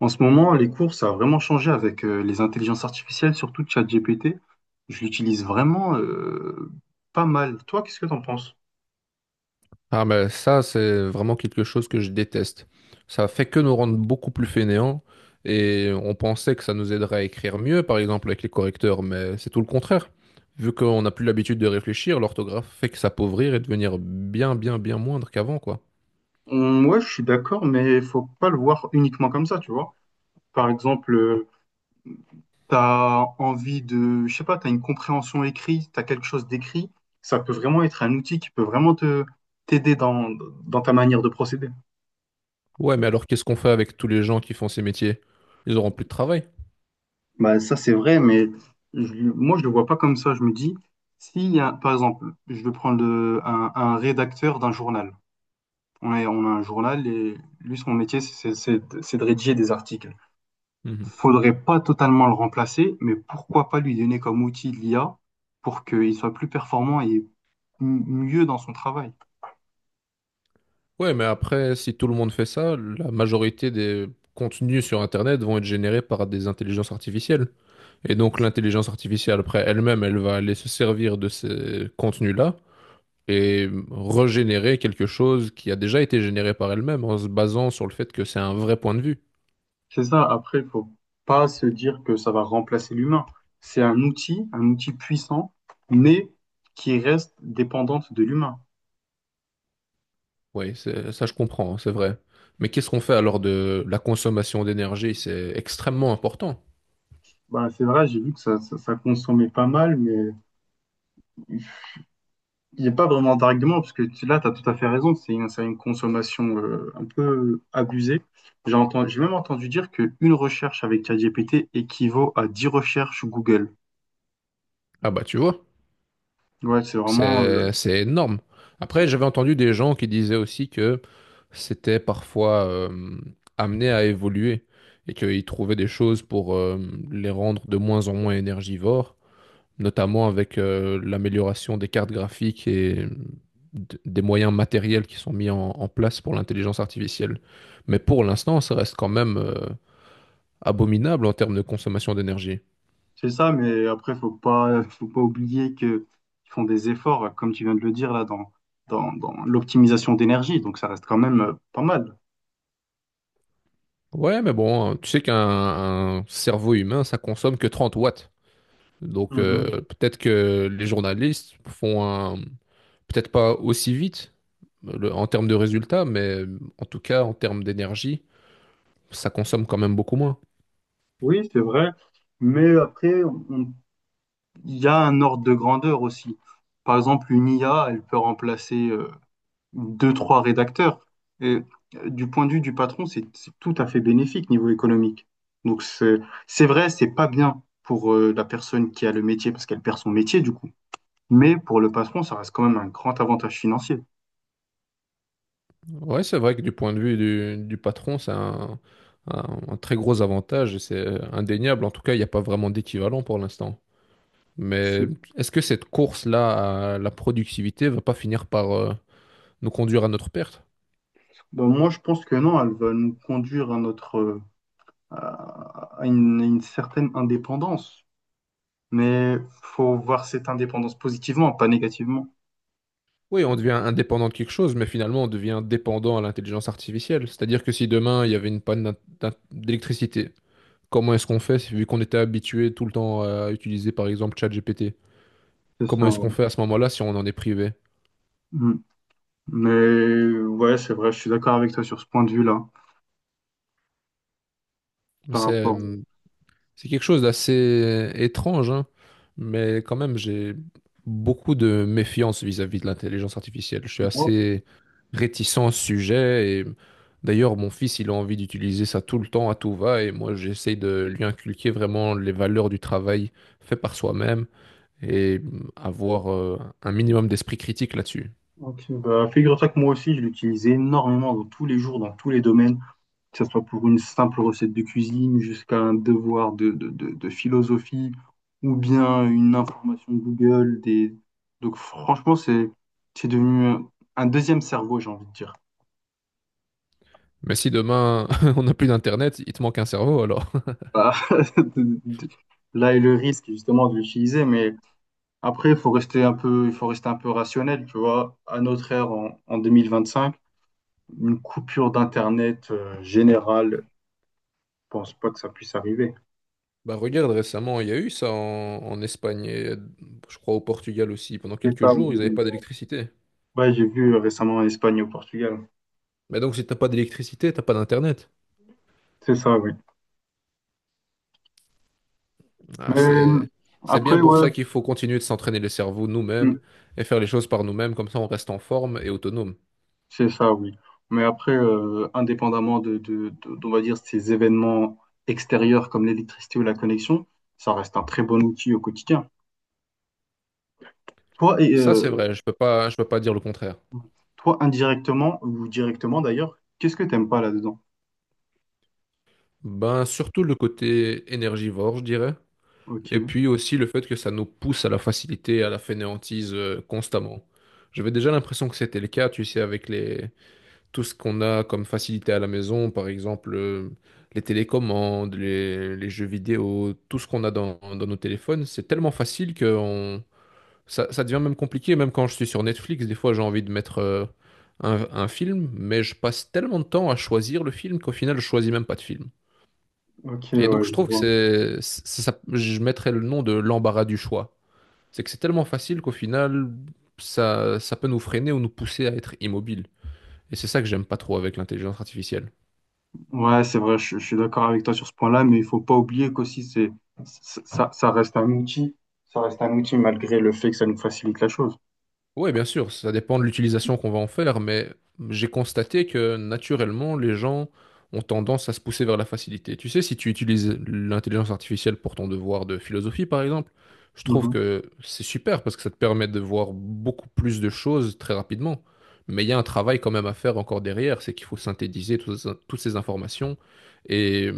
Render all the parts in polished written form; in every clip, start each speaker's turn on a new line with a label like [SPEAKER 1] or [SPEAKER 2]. [SPEAKER 1] En ce moment, les cours, ça a vraiment changé avec les intelligences artificielles, surtout ChatGPT. Je l'utilise vraiment pas mal. Toi, qu'est-ce que t'en penses?
[SPEAKER 2] Ah mais ça, c'est vraiment quelque chose que je déteste. Ça fait que nous rendre beaucoup plus fainéants et on pensait que ça nous aiderait à écrire mieux, par exemple avec les correcteurs, mais c'est tout le contraire. Vu qu'on n'a plus l'habitude de réfléchir, l'orthographe fait que s'appauvrir et devenir bien, bien, bien moindre qu'avant, quoi.
[SPEAKER 1] Ouais, je suis d'accord, mais faut pas le voir uniquement comme ça, tu vois. Par exemple, t'as envie de, je sais pas, t'as une compréhension écrite, t'as quelque chose d'écrit. Ça peut vraiment être un outil qui peut vraiment te t'aider dans ta manière de procéder.
[SPEAKER 2] Ouais, mais alors qu'est-ce qu'on fait avec tous les gens qui font ces métiers? Ils auront plus de travail.
[SPEAKER 1] Bah, ça, c'est vrai, mais moi, je le vois pas comme ça. Je me dis, s'il y a, par exemple, je vais prendre un rédacteur d'un journal. On a un journal et lui, son métier, c'est de rédiger des articles.
[SPEAKER 2] Mhm.
[SPEAKER 1] Faudrait pas totalement le remplacer, mais pourquoi pas lui donner comme outil l'IA pour qu'il soit plus performant et mieux dans son travail.
[SPEAKER 2] Ouais, mais après, si tout le monde fait ça, la majorité des contenus sur Internet vont être générés par des intelligences artificielles. Et donc l'intelligence artificielle, après elle-même, elle va aller se servir de ces contenus-là et régénérer quelque chose qui a déjà été généré par elle-même en se basant sur le fait que c'est un vrai point de vue.
[SPEAKER 1] C'est ça. Après, faut pas se dire que ça va remplacer l'humain. C'est un outil puissant, mais qui reste dépendante de l'humain.
[SPEAKER 2] Oui, ça je comprends, hein, c'est vrai. Mais qu'est-ce qu'on fait alors de la consommation d'énergie? C'est extrêmement important.
[SPEAKER 1] Bah, c'est vrai, j'ai vu que ça consommait pas mal, mais il n'y a pas vraiment d'argument, parce que là, tu as tout à fait raison, c'est une consommation un peu abusée. J'ai même entendu dire qu'une recherche avec ChatGPT équivaut à 10 recherches Google.
[SPEAKER 2] Ah bah tu vois,
[SPEAKER 1] Ouais, c'est vraiment,
[SPEAKER 2] c'est c'est énorme.
[SPEAKER 1] c'est
[SPEAKER 2] Après, j'avais entendu des gens qui disaient aussi que s'étaient parfois amenés à évoluer et qu'ils trouvaient des choses pour les rendre de moins en moins énergivores, notamment avec l'amélioration des cartes graphiques et des moyens matériels qui sont mis en place pour l'intelligence artificielle. Mais pour l'instant, ça reste quand même abominable en termes de consommation d'énergie.
[SPEAKER 1] c'est ça, mais après, faut pas oublier que ils font des efforts, comme tu viens de le dire, là, dans l'optimisation d'énergie, donc ça reste quand même pas mal.
[SPEAKER 2] Ouais, mais bon, hein, tu sais qu'un cerveau humain, ça consomme que 30 watts. Donc
[SPEAKER 1] Mhm.
[SPEAKER 2] peut-être que les journalistes font peut-être pas aussi vite, en termes de résultats, mais en tout cas, en termes d'énergie, ça consomme quand même beaucoup moins.
[SPEAKER 1] Oui, c'est vrai. Mais après, on il y a un ordre de grandeur aussi. Par exemple, une IA, elle peut remplacer deux, trois rédacteurs. Et du point de vue du patron, c'est tout à fait bénéfique niveau économique. Donc c'est vrai, c'est pas bien pour la personne qui a le métier parce qu'elle perd son métier du coup. Mais pour le patron, ça reste quand même un grand avantage financier.
[SPEAKER 2] Ouais, c'est vrai que du point de vue du patron, c'est un très gros avantage et c'est indéniable. En tout cas, il n'y a pas vraiment d'équivalent pour l'instant. Mais
[SPEAKER 1] C'est-
[SPEAKER 2] est-ce que cette course-là à la productivité va pas finir par nous conduire à notre perte?
[SPEAKER 1] Ben, moi, je pense que non, elle va nous conduire à notre à à une certaine indépendance. Mais faut voir cette indépendance positivement, pas négativement.
[SPEAKER 2] Oui, on devient indépendant de quelque chose, mais finalement, on devient dépendant à l'intelligence artificielle. C'est-à-dire que si demain, il y avait une panne d'électricité. Comment est-ce qu'on fait, vu qu'on était habitué tout le temps à utiliser par exemple ChatGPT?
[SPEAKER 1] C'est ça.
[SPEAKER 2] Comment est-ce qu'on
[SPEAKER 1] Ouais.
[SPEAKER 2] fait à ce moment-là si on en est privé?
[SPEAKER 1] Mm. Mais ouais, c'est vrai, je suis d'accord avec toi sur ce point de vue-là. Par
[SPEAKER 2] C'est
[SPEAKER 1] rapport
[SPEAKER 2] c'est quelque chose d'assez étrange, hein, mais quand même, j'ai beaucoup de méfiance vis-à-vis de l'intelligence artificielle. Je suis
[SPEAKER 1] moi,
[SPEAKER 2] assez réticent au sujet et d'ailleurs, mon fils, il a envie d'utiliser ça tout le temps à tout va et moi, j'essaye de lui inculquer vraiment les valeurs du travail fait par soi-même et avoir un minimum d'esprit critique là-dessus.
[SPEAKER 1] ok, bah, figure-toi que moi aussi, je l'utilise énormément dans tous les jours, dans tous les domaines, que ce soit pour une simple recette de cuisine, jusqu'à un devoir de philosophie, ou bien une information Google. Des... Donc franchement, c'est devenu un deuxième cerveau, j'ai envie de dire.
[SPEAKER 2] Mais si demain on n'a plus d'internet, il te manque un cerveau alors.
[SPEAKER 1] Bah, là est le risque justement de l'utiliser, mais après, il faut rester un peu rationnel, tu vois. À notre ère, en 2025, une coupure d'Internet générale, je pense pas que ça puisse arriver.
[SPEAKER 2] Bah regarde, récemment il y a eu ça en Espagne et je crois au Portugal aussi. Pendant
[SPEAKER 1] C'est
[SPEAKER 2] quelques
[SPEAKER 1] ça, oui.
[SPEAKER 2] jours, ils n'avaient pas d'électricité.
[SPEAKER 1] Ouais, j'ai vu récemment en Espagne et au Portugal.
[SPEAKER 2] Mais donc si t'as pas d'électricité, t'as pas d'internet.
[SPEAKER 1] C'est ça, oui. Mais
[SPEAKER 2] Ah, c'est bien
[SPEAKER 1] après,
[SPEAKER 2] pour
[SPEAKER 1] ouais,
[SPEAKER 2] ça qu'il faut continuer de s'entraîner les cerveaux nous-mêmes
[SPEAKER 1] mm,
[SPEAKER 2] et faire les choses par nous-mêmes, comme ça on reste en forme et autonome.
[SPEAKER 1] c'est ça, oui. Mais après, indépendamment d'on va dire, ces événements extérieurs comme l'électricité ou la connexion, ça reste un très bon outil au quotidien. Toi, et,
[SPEAKER 2] Ça c'est
[SPEAKER 1] euh,
[SPEAKER 2] vrai, je peux pas dire le contraire.
[SPEAKER 1] toi indirectement ou directement d'ailleurs, qu'est-ce que t'aimes pas là-dedans?
[SPEAKER 2] Ben surtout le côté énergivore, je dirais.
[SPEAKER 1] Ok,
[SPEAKER 2] Et puis aussi le fait que ça nous pousse à la facilité, à la fainéantise constamment. J'avais déjà l'impression que c'était le cas, tu sais, avec tout ce qu'on a comme facilité à la maison, par exemple les télécommandes, les jeux vidéo, tout ce qu'on a dans nos téléphones, c'est tellement facile que ça devient même compliqué. Même quand je suis sur Netflix, des fois j'ai envie de mettre un film, mais je passe tellement de temps à choisir le film qu'au final je choisis même pas de film.
[SPEAKER 1] ok,
[SPEAKER 2] Et
[SPEAKER 1] ouais,
[SPEAKER 2] donc je
[SPEAKER 1] je
[SPEAKER 2] trouve que
[SPEAKER 1] vois.
[SPEAKER 2] je mettrais le nom de l'embarras du choix. C'est que c'est tellement facile qu'au final, ça peut nous freiner ou nous pousser à être immobile. Et c'est ça que j'aime pas trop avec l'intelligence artificielle.
[SPEAKER 1] Ouais, c'est vrai, je suis d'accord avec toi sur ce point-là, mais il faut pas oublier qu'aussi ça ça reste un outil, ça reste un outil malgré le fait que ça nous facilite la chose.
[SPEAKER 2] Oui, bien sûr, ça dépend de l'utilisation qu'on va en faire, mais j'ai constaté que naturellement, les gens ont tendance à se pousser vers la facilité. Tu sais, si tu utilises l'intelligence artificielle pour ton devoir de philosophie, par exemple, je trouve
[SPEAKER 1] Mhm.
[SPEAKER 2] que c'est super parce que ça te permet de voir beaucoup plus de choses très rapidement. Mais il y a un travail quand même à faire encore derrière, c'est qu'il faut synthétiser toutes ces informations et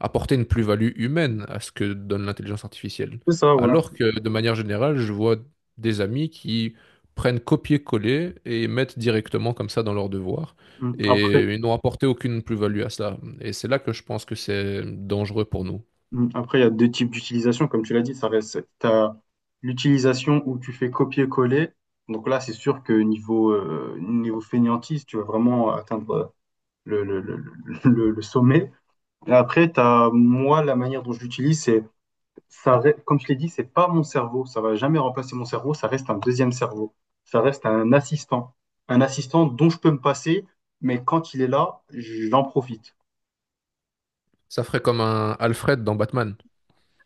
[SPEAKER 2] apporter une plus-value humaine à ce que donne l'intelligence artificielle.
[SPEAKER 1] C'est ça, ouais.
[SPEAKER 2] Alors que de manière générale, je vois des amis qui prennent copier-coller et mettent directement comme ça dans leurs devoirs.
[SPEAKER 1] Mm.
[SPEAKER 2] Et
[SPEAKER 1] Après,
[SPEAKER 2] ils n'ont apporté aucune plus-value à cela. Et c'est là que je pense que c'est dangereux pour nous.
[SPEAKER 1] mm. Après, il y a deux types d'utilisation, comme tu l'as dit, ça reste, t'as l'utilisation où tu fais copier-coller. Donc là, c'est sûr que niveau fainéantise, tu vas vraiment atteindre le, le, le, le, le sommet. Et après, la manière dont je l'utilise, comme je l'ai dit, c'est pas mon cerveau. Ça va jamais remplacer mon cerveau. Ça reste un deuxième cerveau. Ça reste un assistant. Un assistant dont je peux me passer, mais quand il est là, j'en profite.
[SPEAKER 2] Ça ferait comme un Alfred dans Batman.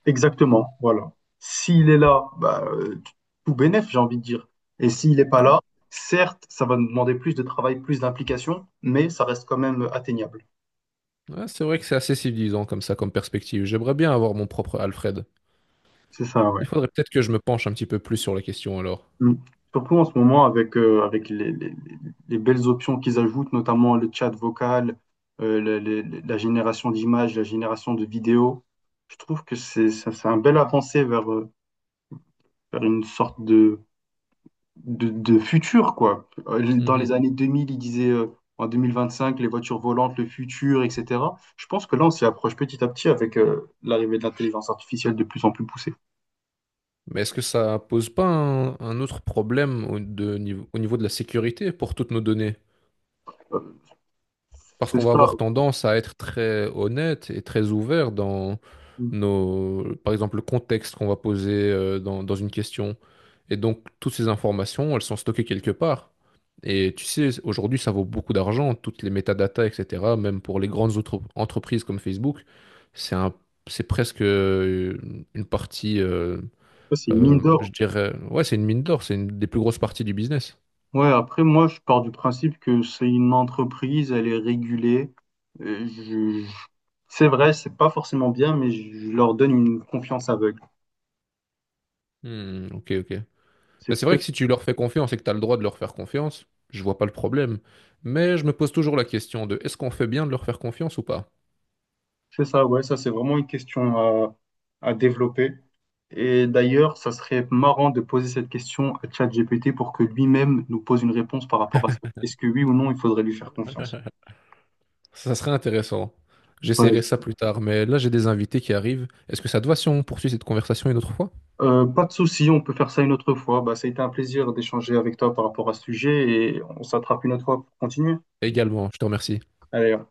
[SPEAKER 1] Exactement, voilà. S'il est là, bah, tout bénef, j'ai envie de dire. Et s'il n'est pas là, certes, ça va nous demander plus de travail, plus d'implication, mais ça reste quand même atteignable.
[SPEAKER 2] Ouais, c'est vrai que c'est assez civilisant comme ça, comme perspective. J'aimerais bien avoir mon propre Alfred.
[SPEAKER 1] C'est ça, ouais.
[SPEAKER 2] Il faudrait peut-être que je me penche un petit peu plus sur la question alors.
[SPEAKER 1] Mm. Surtout en ce moment, avec les belles options qu'ils ajoutent, notamment le chat vocal, la génération d'images, la génération de vidéos, je trouve que c'est un bel avancé vers une sorte de... de futur, quoi. Dans
[SPEAKER 2] Mhm.
[SPEAKER 1] les années 2000, ils disaient en 2025, les voitures volantes, le futur, etc. Je pense que là, on s'y approche petit à petit avec l'arrivée de l'intelligence artificielle de plus en plus poussée.
[SPEAKER 2] Mais est-ce que ça pose pas un autre problème au niveau de la sécurité pour toutes nos données?
[SPEAKER 1] Euh,
[SPEAKER 2] Parce
[SPEAKER 1] c'est
[SPEAKER 2] qu'on va
[SPEAKER 1] ça,
[SPEAKER 2] avoir tendance à être très honnête et très ouvert dans nos, par exemple, le contexte qu'on va poser dans une question. Et donc, toutes ces informations, elles sont stockées quelque part. Et tu sais, aujourd'hui, ça vaut beaucoup d'argent, toutes les métadatas, etc. Même pour les grandes autres entreprises comme Facebook, c'est un, c'est presque une partie,
[SPEAKER 1] ça, c'est une mine
[SPEAKER 2] je
[SPEAKER 1] d'or.
[SPEAKER 2] dirais, ouais, c'est une mine d'or, c'est une des plus grosses parties du business.
[SPEAKER 1] Ouais, après, moi, je pars du principe que c'est une entreprise, elle est régulée. Euh, je- je- C'est vrai, c'est pas forcément bien, mais je leur donne une confiance aveugle.
[SPEAKER 2] Hmm, ok, ok.
[SPEAKER 1] C'est
[SPEAKER 2] Mais c'est vrai que
[SPEAKER 1] peut-être,
[SPEAKER 2] si tu leur fais confiance et que tu as le droit de leur faire confiance, je vois pas le problème. Mais je me pose toujours la question de est-ce qu'on fait bien de leur faire confiance ou pas?
[SPEAKER 1] c'est ça, ouais, ça, c'est vraiment une question à développer. Et d'ailleurs, ça serait marrant de poser cette question à ChatGPT pour que lui-même nous pose une réponse par rapport à ça. Est-ce que oui ou non, il faudrait lui faire confiance?
[SPEAKER 2] Ça serait intéressant. J'essaierai
[SPEAKER 1] Ouais.
[SPEAKER 2] ça plus tard, mais là j'ai des invités qui arrivent. Est-ce que ça te va si on poursuit cette conversation une autre fois?
[SPEAKER 1] Pas de souci, on peut faire ça une autre fois. Bah, ça a été un plaisir d'échanger avec toi par rapport à ce sujet et on s'attrape une autre fois pour continuer.
[SPEAKER 2] Également, je te remercie.
[SPEAKER 1] Allez.